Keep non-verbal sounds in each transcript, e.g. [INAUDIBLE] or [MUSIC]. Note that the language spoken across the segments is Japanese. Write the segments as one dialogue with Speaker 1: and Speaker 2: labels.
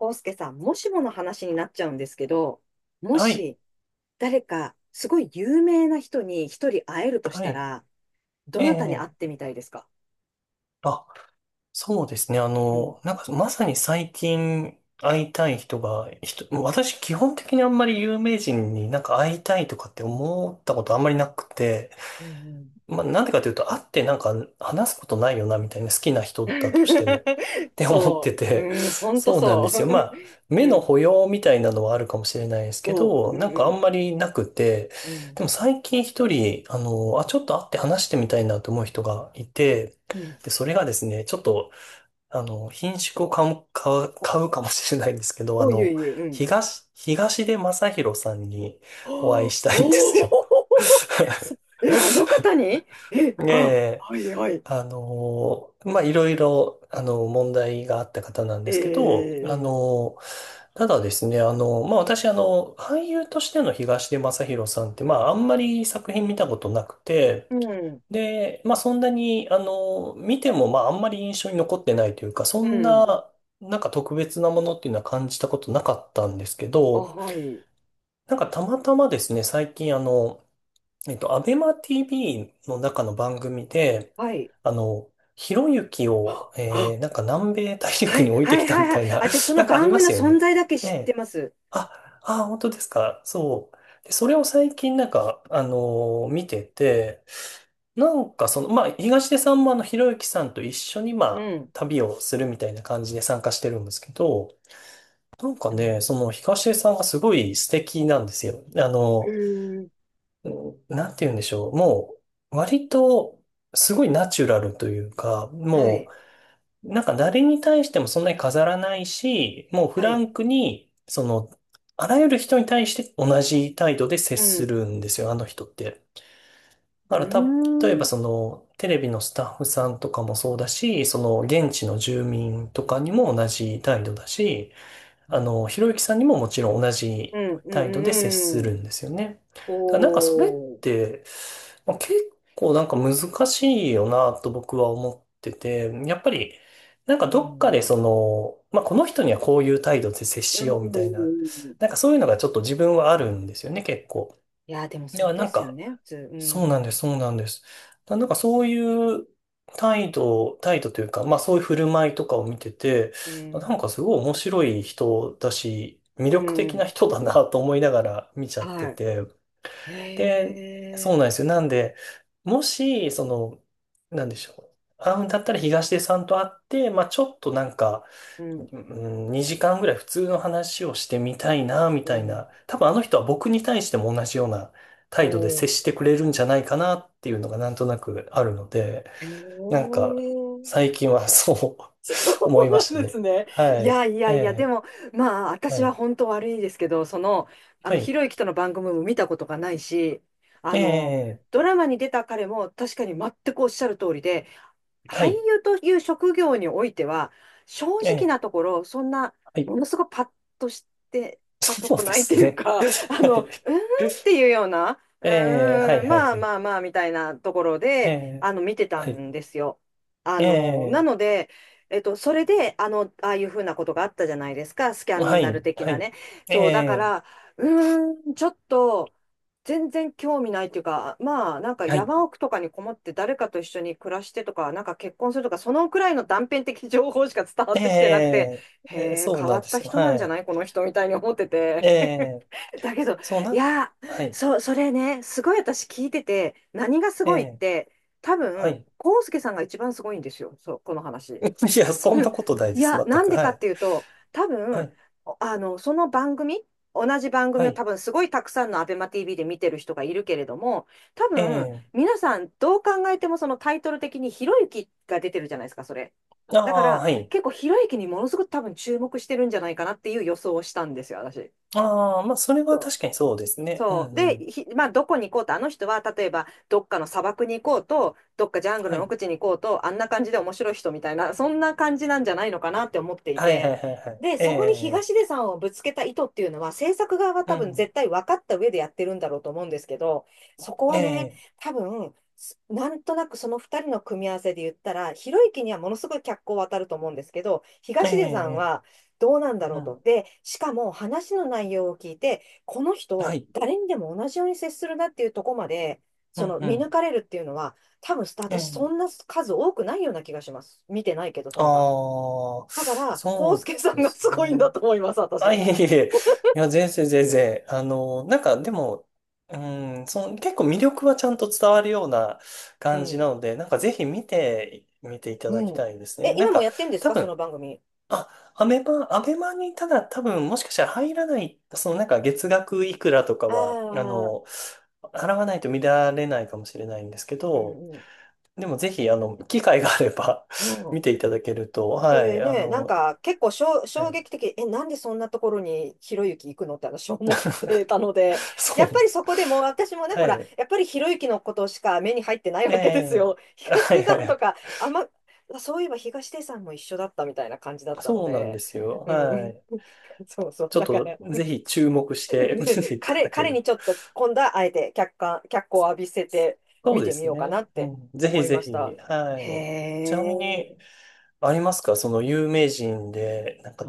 Speaker 1: 康介さん、もしもの話になっちゃうんですけど、も
Speaker 2: はい、
Speaker 1: し誰かすごい有名な人に一人会えるとし
Speaker 2: は
Speaker 1: た
Speaker 2: い、
Speaker 1: ら、ど
Speaker 2: え
Speaker 1: なたに
Speaker 2: え、
Speaker 1: 会ってみたいですか？
Speaker 2: あ、そうですね。
Speaker 1: うん。
Speaker 2: まさに最近会いたい人が、私基本的にあんまり有名人になんか会いたいとかって思ったことあんまりなくて、なんでかというと、会ってなんか話すことないよな、みたいな好きな人だとしても、っ
Speaker 1: [LAUGHS]
Speaker 2: て思って
Speaker 1: そう。
Speaker 2: て、
Speaker 1: うん、ほんと
Speaker 2: そうなんで
Speaker 1: そ
Speaker 2: すよ。
Speaker 1: う。[LAUGHS]
Speaker 2: 目
Speaker 1: う
Speaker 2: の
Speaker 1: ん。
Speaker 2: 保養みたいなのはあるかもしれないですけ
Speaker 1: おう、
Speaker 2: ど、
Speaker 1: う
Speaker 2: なんかあん
Speaker 1: ん、
Speaker 2: まりなくて、
Speaker 1: うん、う
Speaker 2: で
Speaker 1: ん。
Speaker 2: も最近一人、ちょっと会って話してみたいなと思う人がいて、
Speaker 1: うん。
Speaker 2: で、それがですね、ちょっと、品種を買う、買うかもしれないんですけど、
Speaker 1: おう、ゆうゆう、うん。
Speaker 2: 東出昌大さんにお会
Speaker 1: お
Speaker 2: い
Speaker 1: ー
Speaker 2: したいんです
Speaker 1: お
Speaker 2: よ。
Speaker 1: ー [LAUGHS] そ
Speaker 2: [LAUGHS]
Speaker 1: え、あの方に、え、
Speaker 2: え
Speaker 1: あ、
Speaker 2: え、
Speaker 1: はいはい。
Speaker 2: いろいろ、問題があった方なんで
Speaker 1: え
Speaker 2: すけど、
Speaker 1: ー、
Speaker 2: ただですね、私、俳優としての東出昌大さんって、あんまり作品見たことなくて、
Speaker 1: うん、
Speaker 2: で、そんなに、見ても、あんまり印象に残ってないというか、そ
Speaker 1: う
Speaker 2: ん
Speaker 1: ん。
Speaker 2: な、なんか特別なものっていうのは感じたことなかったんですけ
Speaker 1: あ、
Speaker 2: ど、
Speaker 1: はい、
Speaker 2: なんかたまたまですね、最近、アベマ TV の中の番組で、
Speaker 1: はい。
Speaker 2: ひろゆきを、
Speaker 1: あ、
Speaker 2: なんか南米大
Speaker 1: は
Speaker 2: 陸
Speaker 1: い、
Speaker 2: に置い
Speaker 1: は
Speaker 2: てき
Speaker 1: い、
Speaker 2: た
Speaker 1: はい、
Speaker 2: み
Speaker 1: はい。
Speaker 2: たいな、
Speaker 1: 私、そ
Speaker 2: [LAUGHS] な
Speaker 1: の
Speaker 2: んかあり
Speaker 1: 番
Speaker 2: ま
Speaker 1: 組の
Speaker 2: すよ
Speaker 1: 存
Speaker 2: ね。
Speaker 1: 在だけ
Speaker 2: え
Speaker 1: 知って
Speaker 2: え。
Speaker 1: ます。
Speaker 2: あ、本当ですか。そう。で、それを最近なんか、見てて、なんかその、東出さんもひろゆきさんと一緒に、
Speaker 1: うん。
Speaker 2: 旅をするみたいな感じで参加してるんですけど、なんか
Speaker 1: はい。
Speaker 2: ね、その東出さんがすごい素敵なんですよ。
Speaker 1: うーん。
Speaker 2: なんて言うんでしょう。もう、割と、すごいナチュラルというか、
Speaker 1: は
Speaker 2: も
Speaker 1: い、
Speaker 2: う、なんか誰に対してもそんなに飾らないし、もうフ
Speaker 1: は
Speaker 2: ラ
Speaker 1: い。
Speaker 2: ンクに、その、あらゆる人に対して同じ態度で接
Speaker 1: う
Speaker 2: す
Speaker 1: ん。
Speaker 2: るんですよ、あの人って。だか
Speaker 1: う
Speaker 2: らた、例え
Speaker 1: ー
Speaker 2: ば
Speaker 1: ん。
Speaker 2: その、テレビのスタッフさんとかもそうだし、その、現地の住民とかにも同じ態度だし、
Speaker 1: うん、
Speaker 2: ひろゆきさんにももちろん同
Speaker 1: う
Speaker 2: じ
Speaker 1: ん、う
Speaker 2: 態度で接す
Speaker 1: ん。う
Speaker 2: る
Speaker 1: ん。
Speaker 2: んですよね。だからなんかそれっ
Speaker 1: おー。
Speaker 2: て、結構なんか難しいよなと僕は思ってて、やっぱりなんか
Speaker 1: う
Speaker 2: どっかで
Speaker 1: ん。
Speaker 2: その、この人にはこういう態度で接
Speaker 1: う
Speaker 2: しようみたいな、
Speaker 1: ん。
Speaker 2: なんかそういうのがちょっと自分はあるんですよね、結構。
Speaker 1: いや、でも
Speaker 2: で
Speaker 1: そ
Speaker 2: は、
Speaker 1: う
Speaker 2: な
Speaker 1: で
Speaker 2: ん
Speaker 1: すよ
Speaker 2: か、
Speaker 1: ね、普通。う
Speaker 2: そうなんで
Speaker 1: ん。
Speaker 2: す、そうなんです。だなんかそういう態度というか、そういう振る舞いとかを見てて、
Speaker 1: う
Speaker 2: あなん
Speaker 1: ん。
Speaker 2: かすごい面白い人だし、魅
Speaker 1: う
Speaker 2: 力的な
Speaker 1: ん。
Speaker 2: 人だなと思いながら見ちゃって
Speaker 1: は
Speaker 2: て。
Speaker 1: い。へ
Speaker 2: で、そうなんで
Speaker 1: え。
Speaker 2: すよ。なんで、もし、その、なんでしょう。会うんだったら東出さんと会って、ちょっとなんか、
Speaker 1: う
Speaker 2: う
Speaker 1: ん。
Speaker 2: ん2時間ぐらい普通の話をしてみたいな、みた
Speaker 1: お
Speaker 2: い
Speaker 1: ー。
Speaker 2: な。多分あの人は僕に対しても同じような態度で
Speaker 1: お
Speaker 2: 接し
Speaker 1: ー。
Speaker 2: てくれるんじゃないかなっていうのがなんとなくあるので、
Speaker 1: へえ。
Speaker 2: なんか最近はそう
Speaker 1: [LAUGHS] そ
Speaker 2: [LAUGHS] 思
Speaker 1: う
Speaker 2: いました
Speaker 1: なんで
Speaker 2: ね。
Speaker 1: すね。
Speaker 2: は
Speaker 1: い
Speaker 2: い。
Speaker 1: やいや
Speaker 2: え
Speaker 1: いや、で
Speaker 2: え、
Speaker 1: も、まあ、
Speaker 2: は
Speaker 1: 私は
Speaker 2: い。
Speaker 1: 本当悪いですけど、その、
Speaker 2: は
Speaker 1: ひ
Speaker 2: い。
Speaker 1: ろゆきとの番組も見たことがないし、あ
Speaker 2: え
Speaker 1: の、
Speaker 2: え、
Speaker 1: ドラマに出た彼も確かに全くおっしゃる通りで、
Speaker 2: は
Speaker 1: 俳
Speaker 2: い。
Speaker 1: 優という職業においては、正
Speaker 2: え
Speaker 1: 直
Speaker 2: え、
Speaker 1: なところ、そんな、
Speaker 2: はい。
Speaker 1: ものすごくパッとしてたと
Speaker 2: そう
Speaker 1: こ
Speaker 2: で
Speaker 1: ないって
Speaker 2: す
Speaker 1: いう
Speaker 2: ね。
Speaker 1: か、
Speaker 2: [LAUGHS]
Speaker 1: あ
Speaker 2: は
Speaker 1: の、うー
Speaker 2: い。
Speaker 1: んっていうような、う
Speaker 2: ええ、は
Speaker 1: ー
Speaker 2: い、
Speaker 1: ん、
Speaker 2: はい、
Speaker 1: まあ
Speaker 2: はい。
Speaker 1: まあまあ、みたいなところ
Speaker 2: え
Speaker 1: で、
Speaker 2: え、
Speaker 1: 見てた
Speaker 2: はい。
Speaker 1: んですよ。あ
Speaker 2: え
Speaker 1: の、な
Speaker 2: え、
Speaker 1: ので、それで、あの、ああいうふうなことがあったじゃないですか、スキャ
Speaker 2: は
Speaker 1: ンダル
Speaker 2: い、
Speaker 1: 的
Speaker 2: は
Speaker 1: な
Speaker 2: い。
Speaker 1: ね。
Speaker 2: え
Speaker 1: そう、だか
Speaker 2: え、
Speaker 1: ら、うーん、ちょっと、全然興味ないっていうか、まあ、なんか
Speaker 2: はい。
Speaker 1: 山奥とかにこもって誰かと一緒に暮らしてとか、なんか結婚するとか、そのくらいの断片的情報しか伝わ
Speaker 2: え
Speaker 1: ってきてなくて、
Speaker 2: え
Speaker 1: へ
Speaker 2: ええ
Speaker 1: え、
Speaker 2: そう
Speaker 1: 変わ
Speaker 2: なん
Speaker 1: っ
Speaker 2: で
Speaker 1: た
Speaker 2: すよ。
Speaker 1: 人なん
Speaker 2: は
Speaker 1: じゃ
Speaker 2: い。
Speaker 1: ないこの人みたいに思って
Speaker 2: え
Speaker 1: て。
Speaker 2: え
Speaker 1: [LAUGHS] だけど、
Speaker 2: そう
Speaker 1: い
Speaker 2: な、
Speaker 1: や
Speaker 2: は
Speaker 1: ー、
Speaker 2: い。
Speaker 1: そう、それね、すごい私聞いてて、何がす
Speaker 2: え
Speaker 1: ごいっ
Speaker 2: え
Speaker 1: て、多
Speaker 2: は
Speaker 1: 分、
Speaker 2: い。
Speaker 1: 康介さんが一番すごいんですよ、そう、この
Speaker 2: [LAUGHS]
Speaker 1: 話。
Speaker 2: いや、そんなことない
Speaker 1: い
Speaker 2: です。
Speaker 1: や、
Speaker 2: 全
Speaker 1: なん
Speaker 2: く。
Speaker 1: で
Speaker 2: は
Speaker 1: かっ
Speaker 2: い。
Speaker 1: ていうと、多
Speaker 2: は
Speaker 1: 分、
Speaker 2: い。
Speaker 1: おあの、その番組、同じ番
Speaker 2: は
Speaker 1: 組を多
Speaker 2: い。
Speaker 1: 分すごいたくさんのアベマ TV で見てる人がいるけれども、多
Speaker 2: え
Speaker 1: 分、
Speaker 2: え
Speaker 1: 皆さんどう考えてもそのタイトル的にひろゆきが出てるじゃないですか、それ。
Speaker 2: あ
Speaker 1: だか
Speaker 2: あ、
Speaker 1: ら、
Speaker 2: はい。
Speaker 1: 結構ひろゆきにものすごく多分注目してるんじゃないかなっていう予想をしたんですよ、私。
Speaker 2: ああ、それ
Speaker 1: そ
Speaker 2: は
Speaker 1: う
Speaker 2: 確かにそうですね。う
Speaker 1: そ
Speaker 2: ん
Speaker 1: う。
Speaker 2: う
Speaker 1: で、
Speaker 2: ん。
Speaker 1: ひ、まあ、どこに行こうと、あの人は、例えば、どっかの砂漠に行こうと、どっかジャング
Speaker 2: は
Speaker 1: ルの
Speaker 2: い。
Speaker 1: 奥地に行こうと、あんな感じで面白い人みたいな、そんな感じなんじゃないのかなって思ってい
Speaker 2: はいはい
Speaker 1: て。
Speaker 2: はいはい。
Speaker 1: で、
Speaker 2: え
Speaker 1: そこに
Speaker 2: え
Speaker 1: 東出さんをぶつけた意図っていうのは、制作側は
Speaker 2: う
Speaker 1: 多分
Speaker 2: ん。
Speaker 1: 絶対分かった上でやってるんだろうと思うんですけど、そこはね、
Speaker 2: ええ
Speaker 1: 多分、すなんとなくその2人の組み合わせで言ったら、ひろゆきにはものすごい脚光を当たると思うんですけど、東出さん
Speaker 2: え
Speaker 1: は
Speaker 2: え
Speaker 1: どうなんだろ
Speaker 2: う
Speaker 1: うと。
Speaker 2: ん。
Speaker 1: で、しかも話の内容を聞いて、この
Speaker 2: は
Speaker 1: 人、
Speaker 2: い。
Speaker 1: 誰にでも同じように接するなっていうところまで、
Speaker 2: う
Speaker 1: そ
Speaker 2: ん
Speaker 1: の
Speaker 2: う
Speaker 1: 見抜
Speaker 2: ん。
Speaker 1: かれるっていうのは、多分
Speaker 2: ええ
Speaker 1: 私、そんな数多くないような気がします。見てないけど、その場。
Speaker 2: ああ、
Speaker 1: だから、コ
Speaker 2: そ
Speaker 1: ウス
Speaker 2: う
Speaker 1: ケさん
Speaker 2: で
Speaker 1: が
Speaker 2: す
Speaker 1: すごいん
Speaker 2: ね。
Speaker 1: だと思います、
Speaker 2: あ、い
Speaker 1: 私。
Speaker 2: えいえいえ。いや、全然全然。なんかでも、うん、その、結構魅力はちゃんと伝わるような
Speaker 1: う
Speaker 2: 感じな
Speaker 1: ん。
Speaker 2: ので、なんかぜひ見て、見ていた
Speaker 1: う
Speaker 2: だき
Speaker 1: ん。
Speaker 2: たいですね。
Speaker 1: え、
Speaker 2: なん
Speaker 1: 今も
Speaker 2: か、
Speaker 1: やってんです
Speaker 2: 多
Speaker 1: か、そ
Speaker 2: 分、
Speaker 1: の番組？
Speaker 2: あ、アベマにただ多分もしかしたら入らない、そのなんか月額いくらとか
Speaker 1: あ
Speaker 2: は、
Speaker 1: あー、
Speaker 2: 払わないと見られないかもしれないんですけ
Speaker 1: うん
Speaker 2: ど、
Speaker 1: うん。
Speaker 2: でもぜひ、機会があれば
Speaker 1: う
Speaker 2: [LAUGHS]
Speaker 1: ん。
Speaker 2: 見ていただけると、
Speaker 1: そ
Speaker 2: は
Speaker 1: れ
Speaker 2: い、
Speaker 1: ね、なんか結構しょ
Speaker 2: は
Speaker 1: 衝
Speaker 2: い、
Speaker 1: 撃的、え、なんでそんなところにひろゆき行くのって私思ってたので、
Speaker 2: [LAUGHS]
Speaker 1: や
Speaker 2: そ
Speaker 1: っ
Speaker 2: うなん
Speaker 1: ぱ
Speaker 2: で
Speaker 1: り
Speaker 2: す。
Speaker 1: そこでもう私もね、
Speaker 2: は
Speaker 1: ほら、
Speaker 2: い。
Speaker 1: やっぱりひろゆきのことしか目に入ってない
Speaker 2: え
Speaker 1: わけです
Speaker 2: え。
Speaker 1: よ。
Speaker 2: [LAUGHS]
Speaker 1: 東
Speaker 2: はい
Speaker 1: 出
Speaker 2: は
Speaker 1: さ
Speaker 2: いは
Speaker 1: んと
Speaker 2: い。
Speaker 1: か、あんま、そういえば東出さんも一緒だったみたいな感じだったの
Speaker 2: そうなんで
Speaker 1: で、
Speaker 2: すよ。
Speaker 1: う
Speaker 2: は
Speaker 1: ん、
Speaker 2: い。
Speaker 1: [LAUGHS] そうそう、
Speaker 2: ちょっ
Speaker 1: だか
Speaker 2: と、
Speaker 1: ら、
Speaker 2: ぜひ注目して [LAUGHS] 見て
Speaker 1: ね、
Speaker 2: いた
Speaker 1: 彼、
Speaker 2: だけ
Speaker 1: 彼に
Speaker 2: る。
Speaker 1: ちょっと今度はあえて客観、脚光を浴びせて
Speaker 2: そ
Speaker 1: 見
Speaker 2: うで
Speaker 1: てみ
Speaker 2: す
Speaker 1: ようかな
Speaker 2: ね。
Speaker 1: っ
Speaker 2: う
Speaker 1: て
Speaker 2: ん。ぜ
Speaker 1: 思
Speaker 2: ひ
Speaker 1: いま
Speaker 2: ぜ
Speaker 1: した。
Speaker 2: ひ。は
Speaker 1: へ
Speaker 2: い。ちなみに、
Speaker 1: え。
Speaker 2: ありますかその有名人で、なんか、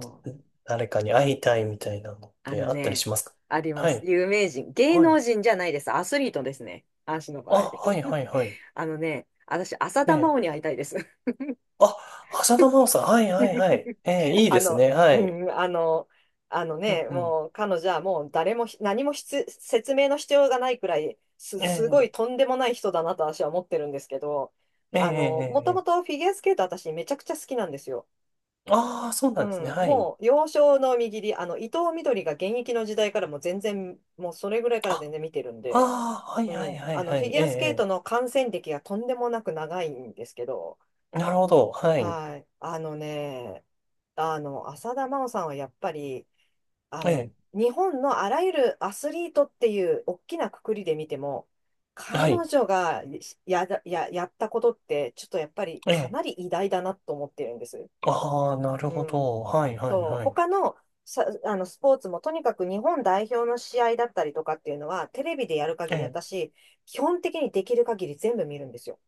Speaker 2: 誰かに会いたいみたいなのっ
Speaker 1: あ
Speaker 2: て
Speaker 1: の
Speaker 2: あったり
Speaker 1: ね、
Speaker 2: しますか？
Speaker 1: ありま
Speaker 2: は
Speaker 1: す。
Speaker 2: い。
Speaker 1: 有名人。芸
Speaker 2: は
Speaker 1: 能
Speaker 2: い。
Speaker 1: 人じゃないです。アスリートですね。足の場
Speaker 2: あ、
Speaker 1: 合。[LAUGHS]
Speaker 2: はいはいはい。
Speaker 1: あのね、私、浅
Speaker 2: え
Speaker 1: 田真
Speaker 2: え。
Speaker 1: 央に会いたいです。
Speaker 2: あ、浅田真央さん。はいはいはい。ええ、
Speaker 1: [LAUGHS]
Speaker 2: いいで
Speaker 1: あ
Speaker 2: す
Speaker 1: の、
Speaker 2: ね。は
Speaker 1: う
Speaker 2: い。
Speaker 1: ん、あの、あの
Speaker 2: う
Speaker 1: ね、
Speaker 2: んうん。
Speaker 1: もう彼女はもう誰もひ何もひつ説明の必要がないくらいす、
Speaker 2: え
Speaker 1: す
Speaker 2: え、
Speaker 1: ごいとんでもない人だなと私は思ってるんですけど、
Speaker 2: ええ、え
Speaker 1: も
Speaker 2: え、え
Speaker 1: ともと
Speaker 2: え。
Speaker 1: フィギュアスケート私めちゃくちゃ好きなんですよ。
Speaker 2: ああ、そうな
Speaker 1: う
Speaker 2: んですね。
Speaker 1: ん、
Speaker 2: はい。
Speaker 1: もう幼少の右利り、あの、伊藤みどりが現役の時代からもう全然、もうそれぐらいから全然見てるん
Speaker 2: あ
Speaker 1: で、
Speaker 2: あ、はい
Speaker 1: う
Speaker 2: はい
Speaker 1: ん、
Speaker 2: は
Speaker 1: あ
Speaker 2: い
Speaker 1: の
Speaker 2: は
Speaker 1: フィ
Speaker 2: い。
Speaker 1: ギ
Speaker 2: え
Speaker 1: ュアスケート
Speaker 2: え、
Speaker 1: の観戦歴がとんでもなく長いんですけど、
Speaker 2: ええなるほど。はい。
Speaker 1: はい、あのね、あの浅田真央さんはやっぱりあ
Speaker 2: え
Speaker 1: の
Speaker 2: え、
Speaker 1: 日本のあらゆるアスリートっていう大きな括りで見ても、彼
Speaker 2: はい。
Speaker 1: 女がや、や、やったことって、ちょっとやっぱり
Speaker 2: え
Speaker 1: か
Speaker 2: え。
Speaker 1: なり偉大だなと思ってるんです。
Speaker 2: ああ、なる
Speaker 1: う
Speaker 2: ほ
Speaker 1: ん、
Speaker 2: ど。はいはい
Speaker 1: そう、
Speaker 2: はい。
Speaker 1: 他のさ、あのスポーツもとにかく日本代表の試合だったりとかっていうのは、テレビでやる
Speaker 2: え
Speaker 1: 限り、
Speaker 2: え。
Speaker 1: 私、基本的にできる限り全部見るんですよ。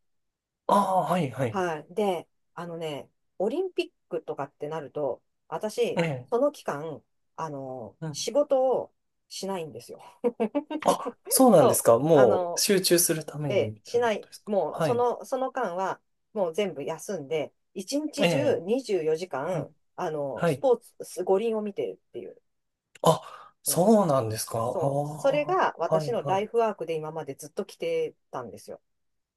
Speaker 2: ああ、はいはい。
Speaker 1: はい。で、あのね、オリンピックとかってなると、
Speaker 2: え
Speaker 1: 私、
Speaker 2: え。
Speaker 1: その期間、あの、
Speaker 2: うん。
Speaker 1: 仕事をしないんですよ。
Speaker 2: あ、そう
Speaker 1: [LAUGHS]
Speaker 2: なんです
Speaker 1: そう。
Speaker 2: か。
Speaker 1: あ
Speaker 2: もう
Speaker 1: の、
Speaker 2: 集中するため
Speaker 1: え
Speaker 2: に
Speaker 1: え、
Speaker 2: みた
Speaker 1: し
Speaker 2: いな
Speaker 1: な
Speaker 2: こと
Speaker 1: い。
Speaker 2: ですか？
Speaker 1: もう、
Speaker 2: は
Speaker 1: そ
Speaker 2: い。
Speaker 1: の、その間は、もう全部休んで、一
Speaker 2: え
Speaker 1: 日中
Speaker 2: え。
Speaker 1: 24時
Speaker 2: はい。
Speaker 1: 間、あの、
Speaker 2: は
Speaker 1: ス
Speaker 2: い。
Speaker 1: ポーツ、五輪を見てるっていう。
Speaker 2: あ、
Speaker 1: うん、
Speaker 2: そうなんですか。あ
Speaker 1: そう。それ
Speaker 2: あ、
Speaker 1: が
Speaker 2: は
Speaker 1: 私
Speaker 2: い
Speaker 1: の
Speaker 2: は
Speaker 1: ライフ
Speaker 2: い。
Speaker 1: ワークで今までずっと来てたんですよ。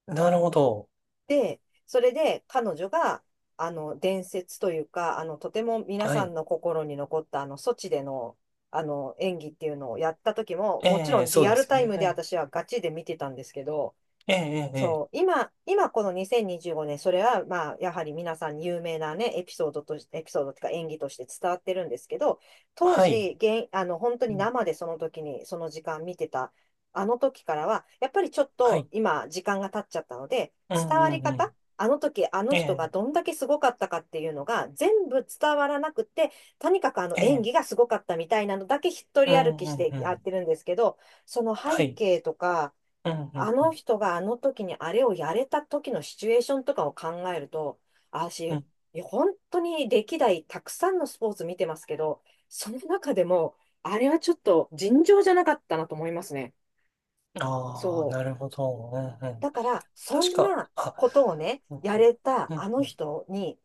Speaker 2: なるほど。
Speaker 1: で、それで彼女が、あの、伝説というか、あの、とても皆
Speaker 2: は
Speaker 1: さ
Speaker 2: い。
Speaker 1: んの心に残った、あの、ソチでの、あの、演技っていうのをやった時も、もちろ
Speaker 2: ええ、
Speaker 1: ん
Speaker 2: そ
Speaker 1: リ
Speaker 2: う
Speaker 1: ア
Speaker 2: で
Speaker 1: ル
Speaker 2: す
Speaker 1: タ
Speaker 2: よ
Speaker 1: イ
Speaker 2: ね。
Speaker 1: ム
Speaker 2: は
Speaker 1: で
Speaker 2: い。
Speaker 1: 私はガチで見てたんですけど、
Speaker 2: ええ、ええ、え
Speaker 1: そう、
Speaker 2: え
Speaker 1: 今、今この2025年、それはまあ、やはり皆さんに有名なね、エピソードとし、エピソードというか演技として伝わってるんですけど、当
Speaker 2: はい。
Speaker 1: 時、現、あの、本当
Speaker 2: う
Speaker 1: に
Speaker 2: ん
Speaker 1: 生でその時に、その時間見てた、あの時からは、やっぱりちょっ
Speaker 2: は
Speaker 1: と
Speaker 2: い。
Speaker 1: 今、時間が経っちゃったので、
Speaker 2: うん
Speaker 1: 伝わ
Speaker 2: う
Speaker 1: り
Speaker 2: んう
Speaker 1: 方、
Speaker 2: ん。
Speaker 1: あの時、あの
Speaker 2: え
Speaker 1: 人が
Speaker 2: え、
Speaker 1: どんだけすごかったかっていうのが、全部伝わらなくて、とにかくあの
Speaker 2: え
Speaker 1: 演
Speaker 2: え。
Speaker 1: 技がすごかったみたいなのだけ一
Speaker 2: う
Speaker 1: 人
Speaker 2: ん
Speaker 1: 歩き
Speaker 2: う
Speaker 1: し
Speaker 2: ん
Speaker 1: て
Speaker 2: う
Speaker 1: やっ
Speaker 2: ん
Speaker 1: てるんですけど、その
Speaker 2: は
Speaker 1: 背
Speaker 2: い。
Speaker 1: 景とか、
Speaker 2: うん、う
Speaker 1: あ
Speaker 2: ん、う
Speaker 1: の
Speaker 2: ん。
Speaker 1: 人があの時にあれをやれた時のシチュエーションとかを考えると、あ私、
Speaker 2: うん
Speaker 1: いや本当に歴代たくさんのスポーツ見てますけど、その中でも、あれはちょっと尋常じゃなかったなと思いますね。
Speaker 2: ああ、
Speaker 1: そ
Speaker 2: なるほど。うん、う
Speaker 1: う。だ
Speaker 2: ん。
Speaker 1: から、そ
Speaker 2: 確
Speaker 1: ん
Speaker 2: か、
Speaker 1: な
Speaker 2: あ、
Speaker 1: ことをね、
Speaker 2: うん、
Speaker 1: や
Speaker 2: うん、
Speaker 1: れた
Speaker 2: う
Speaker 1: あ
Speaker 2: ん。
Speaker 1: の
Speaker 2: うん
Speaker 1: 人に、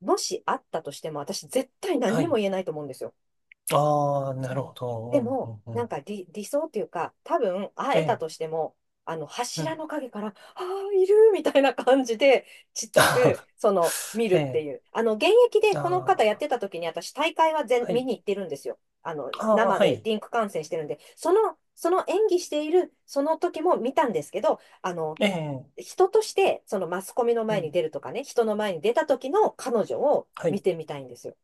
Speaker 1: もしあったとしても、私絶対何
Speaker 2: は
Speaker 1: に
Speaker 2: い。
Speaker 1: も言えないと思うんですよ。
Speaker 2: ああ、なる
Speaker 1: そう
Speaker 2: ほ
Speaker 1: ん、で
Speaker 2: ど。う
Speaker 1: も、
Speaker 2: ん、うん、う
Speaker 1: なん
Speaker 2: ん。
Speaker 1: か理、理想っていうか、多分会
Speaker 2: え
Speaker 1: えた
Speaker 2: え、
Speaker 1: としても、あの
Speaker 2: う
Speaker 1: 柱の
Speaker 2: ん。
Speaker 1: 陰から、ああ、いるみたいな感じで、ちっ
Speaker 2: [LAUGHS]
Speaker 1: ちゃ
Speaker 2: あ
Speaker 1: く、その、見る
Speaker 2: ーえ
Speaker 1: って
Speaker 2: え、
Speaker 1: いう。あの、現役で
Speaker 2: あ
Speaker 1: この方やっ
Speaker 2: あ、
Speaker 1: てた時に、私、大会は全、
Speaker 2: は
Speaker 1: 見
Speaker 2: い。
Speaker 1: に行ってるんですよ。
Speaker 2: ああ、
Speaker 1: 生
Speaker 2: は
Speaker 1: で
Speaker 2: い。
Speaker 1: リンク観戦してるんで、その演技している、その時も見たんですけど、
Speaker 2: ええ、
Speaker 1: 人として、そのマスコミの
Speaker 2: う
Speaker 1: 前に
Speaker 2: ん。
Speaker 1: 出るとかね、人の前に出た時の彼女を
Speaker 2: は
Speaker 1: 見
Speaker 2: い。
Speaker 1: てみたいんですよ。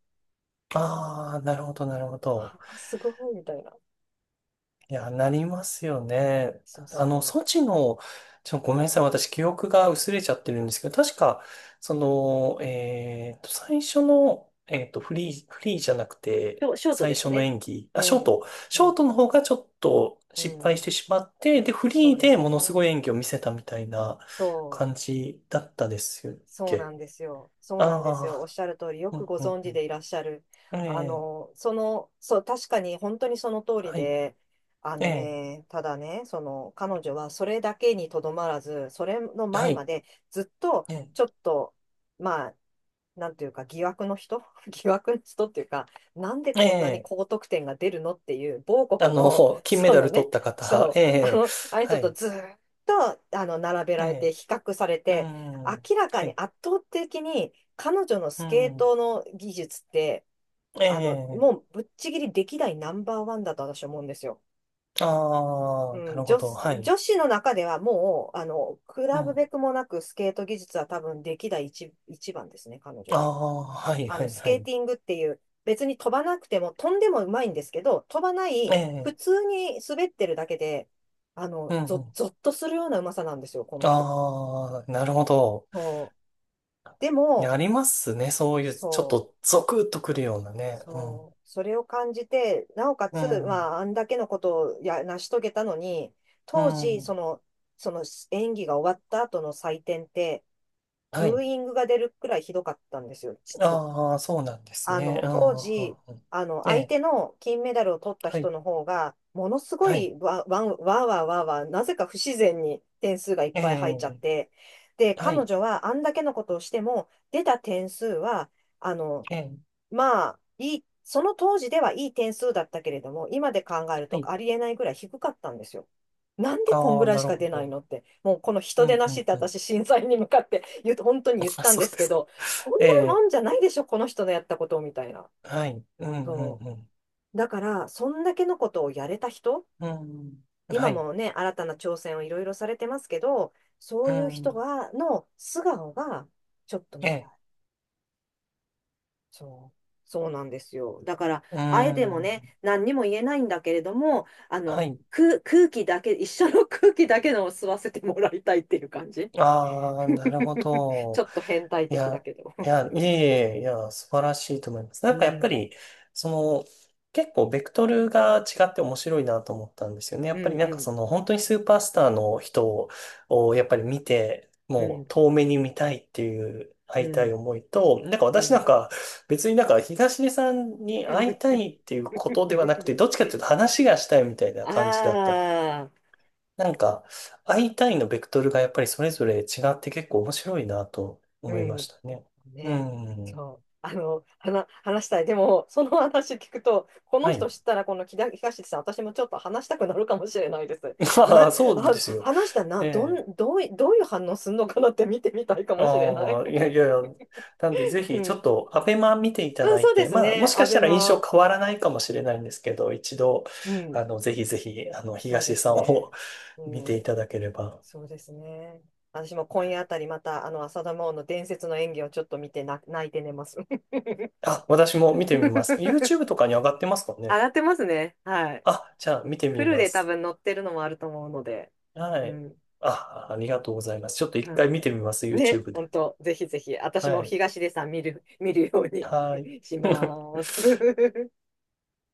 Speaker 2: ああ、なるほど、なるほど。
Speaker 1: ああ、すごい、みたいな。
Speaker 2: いや、なりますよね。
Speaker 1: そうそ
Speaker 2: ソ
Speaker 1: う。
Speaker 2: チの、ごめんなさい。私、記憶が薄れちゃってるんですけど、確か、その、最初の、フリー、フリーじゃなく
Speaker 1: シ
Speaker 2: て、
Speaker 1: ョショートで
Speaker 2: 最
Speaker 1: す
Speaker 2: 初の
Speaker 1: ね。
Speaker 2: 演技、あ、
Speaker 1: う
Speaker 2: ショー
Speaker 1: ん。
Speaker 2: ト。
Speaker 1: う
Speaker 2: ショー
Speaker 1: ん。
Speaker 2: トの方がちょっと
Speaker 1: う
Speaker 2: 失敗し
Speaker 1: ん。
Speaker 2: てしまって、で、フ
Speaker 1: そ
Speaker 2: リ
Speaker 1: う
Speaker 2: ー
Speaker 1: で
Speaker 2: で
Speaker 1: すね。
Speaker 2: ものすごい演技を見せたみたいな
Speaker 1: そ
Speaker 2: 感
Speaker 1: う。
Speaker 2: じだったですっ
Speaker 1: そうな
Speaker 2: け？
Speaker 1: んですよ。そうなんですよ。おっ
Speaker 2: あ
Speaker 1: しゃる通り、よ
Speaker 2: あー、う
Speaker 1: く
Speaker 2: ん、
Speaker 1: ご
Speaker 2: う
Speaker 1: 存
Speaker 2: ん、
Speaker 1: 知でいらっしゃる。
Speaker 2: うん。ええ、
Speaker 1: 確かに本当にその通り
Speaker 2: はい、
Speaker 1: で、あ
Speaker 2: え
Speaker 1: の
Speaker 2: え、
Speaker 1: ね、ただね、彼女はそれだけにとどまらず、それの
Speaker 2: は
Speaker 1: 前ま
Speaker 2: い、
Speaker 1: でずっと、
Speaker 2: ええ、
Speaker 1: ちょっと、まあ、なんていうか、疑惑の人 [LAUGHS] 疑惑の人っていうか、なんで
Speaker 2: え
Speaker 1: こんなに
Speaker 2: え。
Speaker 1: 高得点が出るのっていう、某
Speaker 2: あ
Speaker 1: 国
Speaker 2: の、
Speaker 1: の、[LAUGHS]
Speaker 2: 金メ
Speaker 1: そ
Speaker 2: ダ
Speaker 1: の
Speaker 2: ル取
Speaker 1: ね、
Speaker 2: った方、
Speaker 1: そ
Speaker 2: え
Speaker 1: う、
Speaker 2: え、
Speaker 1: あの
Speaker 2: は
Speaker 1: 人と
Speaker 2: い、
Speaker 1: ずーっと、並べ
Speaker 2: え
Speaker 1: られて、
Speaker 2: え、
Speaker 1: 比較され
Speaker 2: う
Speaker 1: て、
Speaker 2: ん、
Speaker 1: 明らか
Speaker 2: は
Speaker 1: に
Speaker 2: い、
Speaker 1: 圧倒的に彼女の
Speaker 2: う
Speaker 1: スケー
Speaker 2: ん、
Speaker 1: トの技術って、
Speaker 2: ええ、
Speaker 1: もうぶっちぎり歴代ナンバーワンだと私は思うんですよ。
Speaker 2: あ
Speaker 1: う
Speaker 2: あ、な
Speaker 1: ん、
Speaker 2: るほど、はい、
Speaker 1: 女子の中ではもう、比
Speaker 2: う
Speaker 1: べ
Speaker 2: ん、
Speaker 1: べくもなくスケート技術は多分歴代一、一番ですね、彼女
Speaker 2: あ
Speaker 1: が。
Speaker 2: あ、はい、はい、
Speaker 1: ス
Speaker 2: は
Speaker 1: ケー
Speaker 2: い、
Speaker 1: ティングっていう、別に飛ばなくても、飛んでもうまいんですけど、飛ばな
Speaker 2: え
Speaker 1: い、
Speaker 2: え、
Speaker 1: 普通に滑ってるだけで、あ
Speaker 2: う
Speaker 1: の、
Speaker 2: ん、
Speaker 1: ぞっとするようなうまさなんですよ、この人。
Speaker 2: ああ、なるほど。
Speaker 1: そう。で
Speaker 2: いや、
Speaker 1: も、
Speaker 2: ありますね、そういう、ちょっ
Speaker 1: そ
Speaker 2: とゾクッとくるようなね、うん、
Speaker 1: そう、それを感じて、なおか
Speaker 2: う
Speaker 1: つ、ま
Speaker 2: ん、
Speaker 1: あ、あんだけのことを成し遂げたのに、
Speaker 2: う
Speaker 1: 当時、
Speaker 2: ん、
Speaker 1: その演技が終わった後の採点って、
Speaker 2: は
Speaker 1: ブー
Speaker 2: い、
Speaker 1: イングが出るくらいひどかったんですよ、実は。
Speaker 2: ああ、そうなんです
Speaker 1: あ
Speaker 2: ね、
Speaker 1: の、
Speaker 2: うん、
Speaker 1: 当
Speaker 2: うん
Speaker 1: 時、
Speaker 2: うん
Speaker 1: あの、
Speaker 2: え
Speaker 1: 相
Speaker 2: え、
Speaker 1: 手の金メダルを取った
Speaker 2: は
Speaker 1: 人
Speaker 2: い、
Speaker 1: の方が、ものすご
Speaker 2: はい、
Speaker 1: いわ、わん、わーわーわーわー、なぜか不自然に点数がいっ
Speaker 2: え
Speaker 1: ぱい入っちゃっ
Speaker 2: え、
Speaker 1: て、で、
Speaker 2: は
Speaker 1: 彼
Speaker 2: い、
Speaker 1: 女はあんだけのことをしても、出た点数は、あの、
Speaker 2: ええ、
Speaker 1: まあ、いい、その当時ではいい点数だったけれども、今で考える
Speaker 2: は
Speaker 1: と
Speaker 2: い
Speaker 1: ありえないぐらい低かったんですよ。なんでこん
Speaker 2: あ
Speaker 1: ぐ
Speaker 2: あ、
Speaker 1: らい
Speaker 2: な
Speaker 1: し
Speaker 2: る
Speaker 1: か
Speaker 2: ほ
Speaker 1: 出ない
Speaker 2: ど。
Speaker 1: のって、もうこの
Speaker 2: う
Speaker 1: 人出
Speaker 2: ん、
Speaker 1: な
Speaker 2: う
Speaker 1: しっ
Speaker 2: ん、
Speaker 1: て
Speaker 2: うん。
Speaker 1: 私審査員に向かって言う、本当に言っ
Speaker 2: あ、
Speaker 1: たん
Speaker 2: そ
Speaker 1: で
Speaker 2: う
Speaker 1: す
Speaker 2: で
Speaker 1: け
Speaker 2: すか。
Speaker 1: ど、こ
Speaker 2: え
Speaker 1: んなも
Speaker 2: え、
Speaker 1: んじゃないでしょ、この人のやったことみたいな。
Speaker 2: はい。うん、
Speaker 1: そ
Speaker 2: うん、
Speaker 1: う。だから、そんだけのことをやれた人、
Speaker 2: うん。うん、
Speaker 1: 今
Speaker 2: はい。
Speaker 1: もね、新たな挑戦をいろいろされてますけど、そ
Speaker 2: う
Speaker 1: ういう人
Speaker 2: ん、
Speaker 1: が、の素顔がちょっと
Speaker 2: え
Speaker 1: 見たい。
Speaker 2: え、
Speaker 1: そう、そうなんですよ。だから、
Speaker 2: う
Speaker 1: あえても
Speaker 2: ん。
Speaker 1: ね、何にも言えないんだけれども、あ
Speaker 2: は
Speaker 1: の、
Speaker 2: い。
Speaker 1: 空気だけ、一緒の空気だけのを吸わせてもらいたいっていう感じ。
Speaker 2: ああ、なるほ
Speaker 1: [LAUGHS] ちょ
Speaker 2: ど。
Speaker 1: っと変態
Speaker 2: い
Speaker 1: 的だ
Speaker 2: や、
Speaker 1: けど。
Speaker 2: いや、
Speaker 1: [LAUGHS]
Speaker 2: いえいえ、いや、素晴らしいと思います。な
Speaker 1: う
Speaker 2: んかやっぱ
Speaker 1: ん、
Speaker 2: り、その、結構ベクトルが違って面白いなと思ったんですよね。や
Speaker 1: う
Speaker 2: っぱり
Speaker 1: ん、
Speaker 2: なん
Speaker 1: う
Speaker 2: か
Speaker 1: ん、
Speaker 2: その、本当にスーパースターの人をやっぱり見て、
Speaker 1: う
Speaker 2: もう
Speaker 1: ん、
Speaker 2: 遠目に見たいっていう
Speaker 1: う
Speaker 2: 会いたい
Speaker 1: ん、
Speaker 2: 思いと、なんか
Speaker 1: [LAUGHS] う
Speaker 2: 私なん
Speaker 1: ん。
Speaker 2: か別になんか東出さんに会いたいっていうことではなくて、どっち
Speaker 1: [LAUGHS]
Speaker 2: かっていうと話がしたいみたいな感じだった
Speaker 1: ああ、
Speaker 2: なんか、会いのベクトルがやっぱりそれぞれ違って結構面白いなと
Speaker 1: う
Speaker 2: 思いま
Speaker 1: ん。
Speaker 2: したね。う
Speaker 1: ね、
Speaker 2: ん。
Speaker 1: そう、話したい。でも、その話聞くと、この
Speaker 2: は
Speaker 1: 人
Speaker 2: い。
Speaker 1: 知ったら、この木田東さん、私もちょっと話したくなるかもしれないです。
Speaker 2: [LAUGHS]
Speaker 1: な、
Speaker 2: そうですよ。
Speaker 1: 話したらな、
Speaker 2: え
Speaker 1: ど
Speaker 2: え。
Speaker 1: ん、どうい、どういう反応するのかなって見てみたいかもしれない。
Speaker 2: ああ、
Speaker 1: [LAUGHS]
Speaker 2: いやいやいや。なんで、ぜ
Speaker 1: う
Speaker 2: ひ、ちょ
Speaker 1: ん。
Speaker 2: っと、アベマ見ていた
Speaker 1: うん、
Speaker 2: だ
Speaker 1: そ
Speaker 2: い
Speaker 1: うで
Speaker 2: て、
Speaker 1: す
Speaker 2: も
Speaker 1: ね。
Speaker 2: しか
Speaker 1: ア
Speaker 2: した
Speaker 1: ベ
Speaker 2: ら印
Speaker 1: マ。
Speaker 2: 象変わらないかもしれないんですけど、一度、
Speaker 1: うん。
Speaker 2: ぜひぜひ、
Speaker 1: そうで
Speaker 2: 東
Speaker 1: す
Speaker 2: さん
Speaker 1: ね。
Speaker 2: を
Speaker 1: う
Speaker 2: [LAUGHS] 見てい
Speaker 1: ん。
Speaker 2: ただければ。
Speaker 1: そうですね。私も
Speaker 2: は
Speaker 1: 今夜
Speaker 2: い
Speaker 1: あたりまた、あの、浅田真央の伝説の演技をちょっと見てな、泣いて寝ます。
Speaker 2: あ、私も見てみます。YouTube と
Speaker 1: [LAUGHS]
Speaker 2: かに上がってますかね？
Speaker 1: 笑ってますね。はい。
Speaker 2: あ、じゃあ、見て
Speaker 1: フ
Speaker 2: み
Speaker 1: ル
Speaker 2: ま
Speaker 1: で多
Speaker 2: す。
Speaker 1: 分乗ってるのもあると思うので、
Speaker 2: は
Speaker 1: う
Speaker 2: い。
Speaker 1: ん、
Speaker 2: あ、ありがとうございます。ちょっと
Speaker 1: う
Speaker 2: 一回
Speaker 1: ん。
Speaker 2: 見てみます、
Speaker 1: ね、
Speaker 2: YouTube
Speaker 1: 本
Speaker 2: で。
Speaker 1: 当、ぜひぜひ、私
Speaker 2: は
Speaker 1: も
Speaker 2: い。
Speaker 1: 東出さん見る、見るように
Speaker 2: はい。
Speaker 1: [LAUGHS] し
Speaker 2: [LAUGHS]
Speaker 1: ます。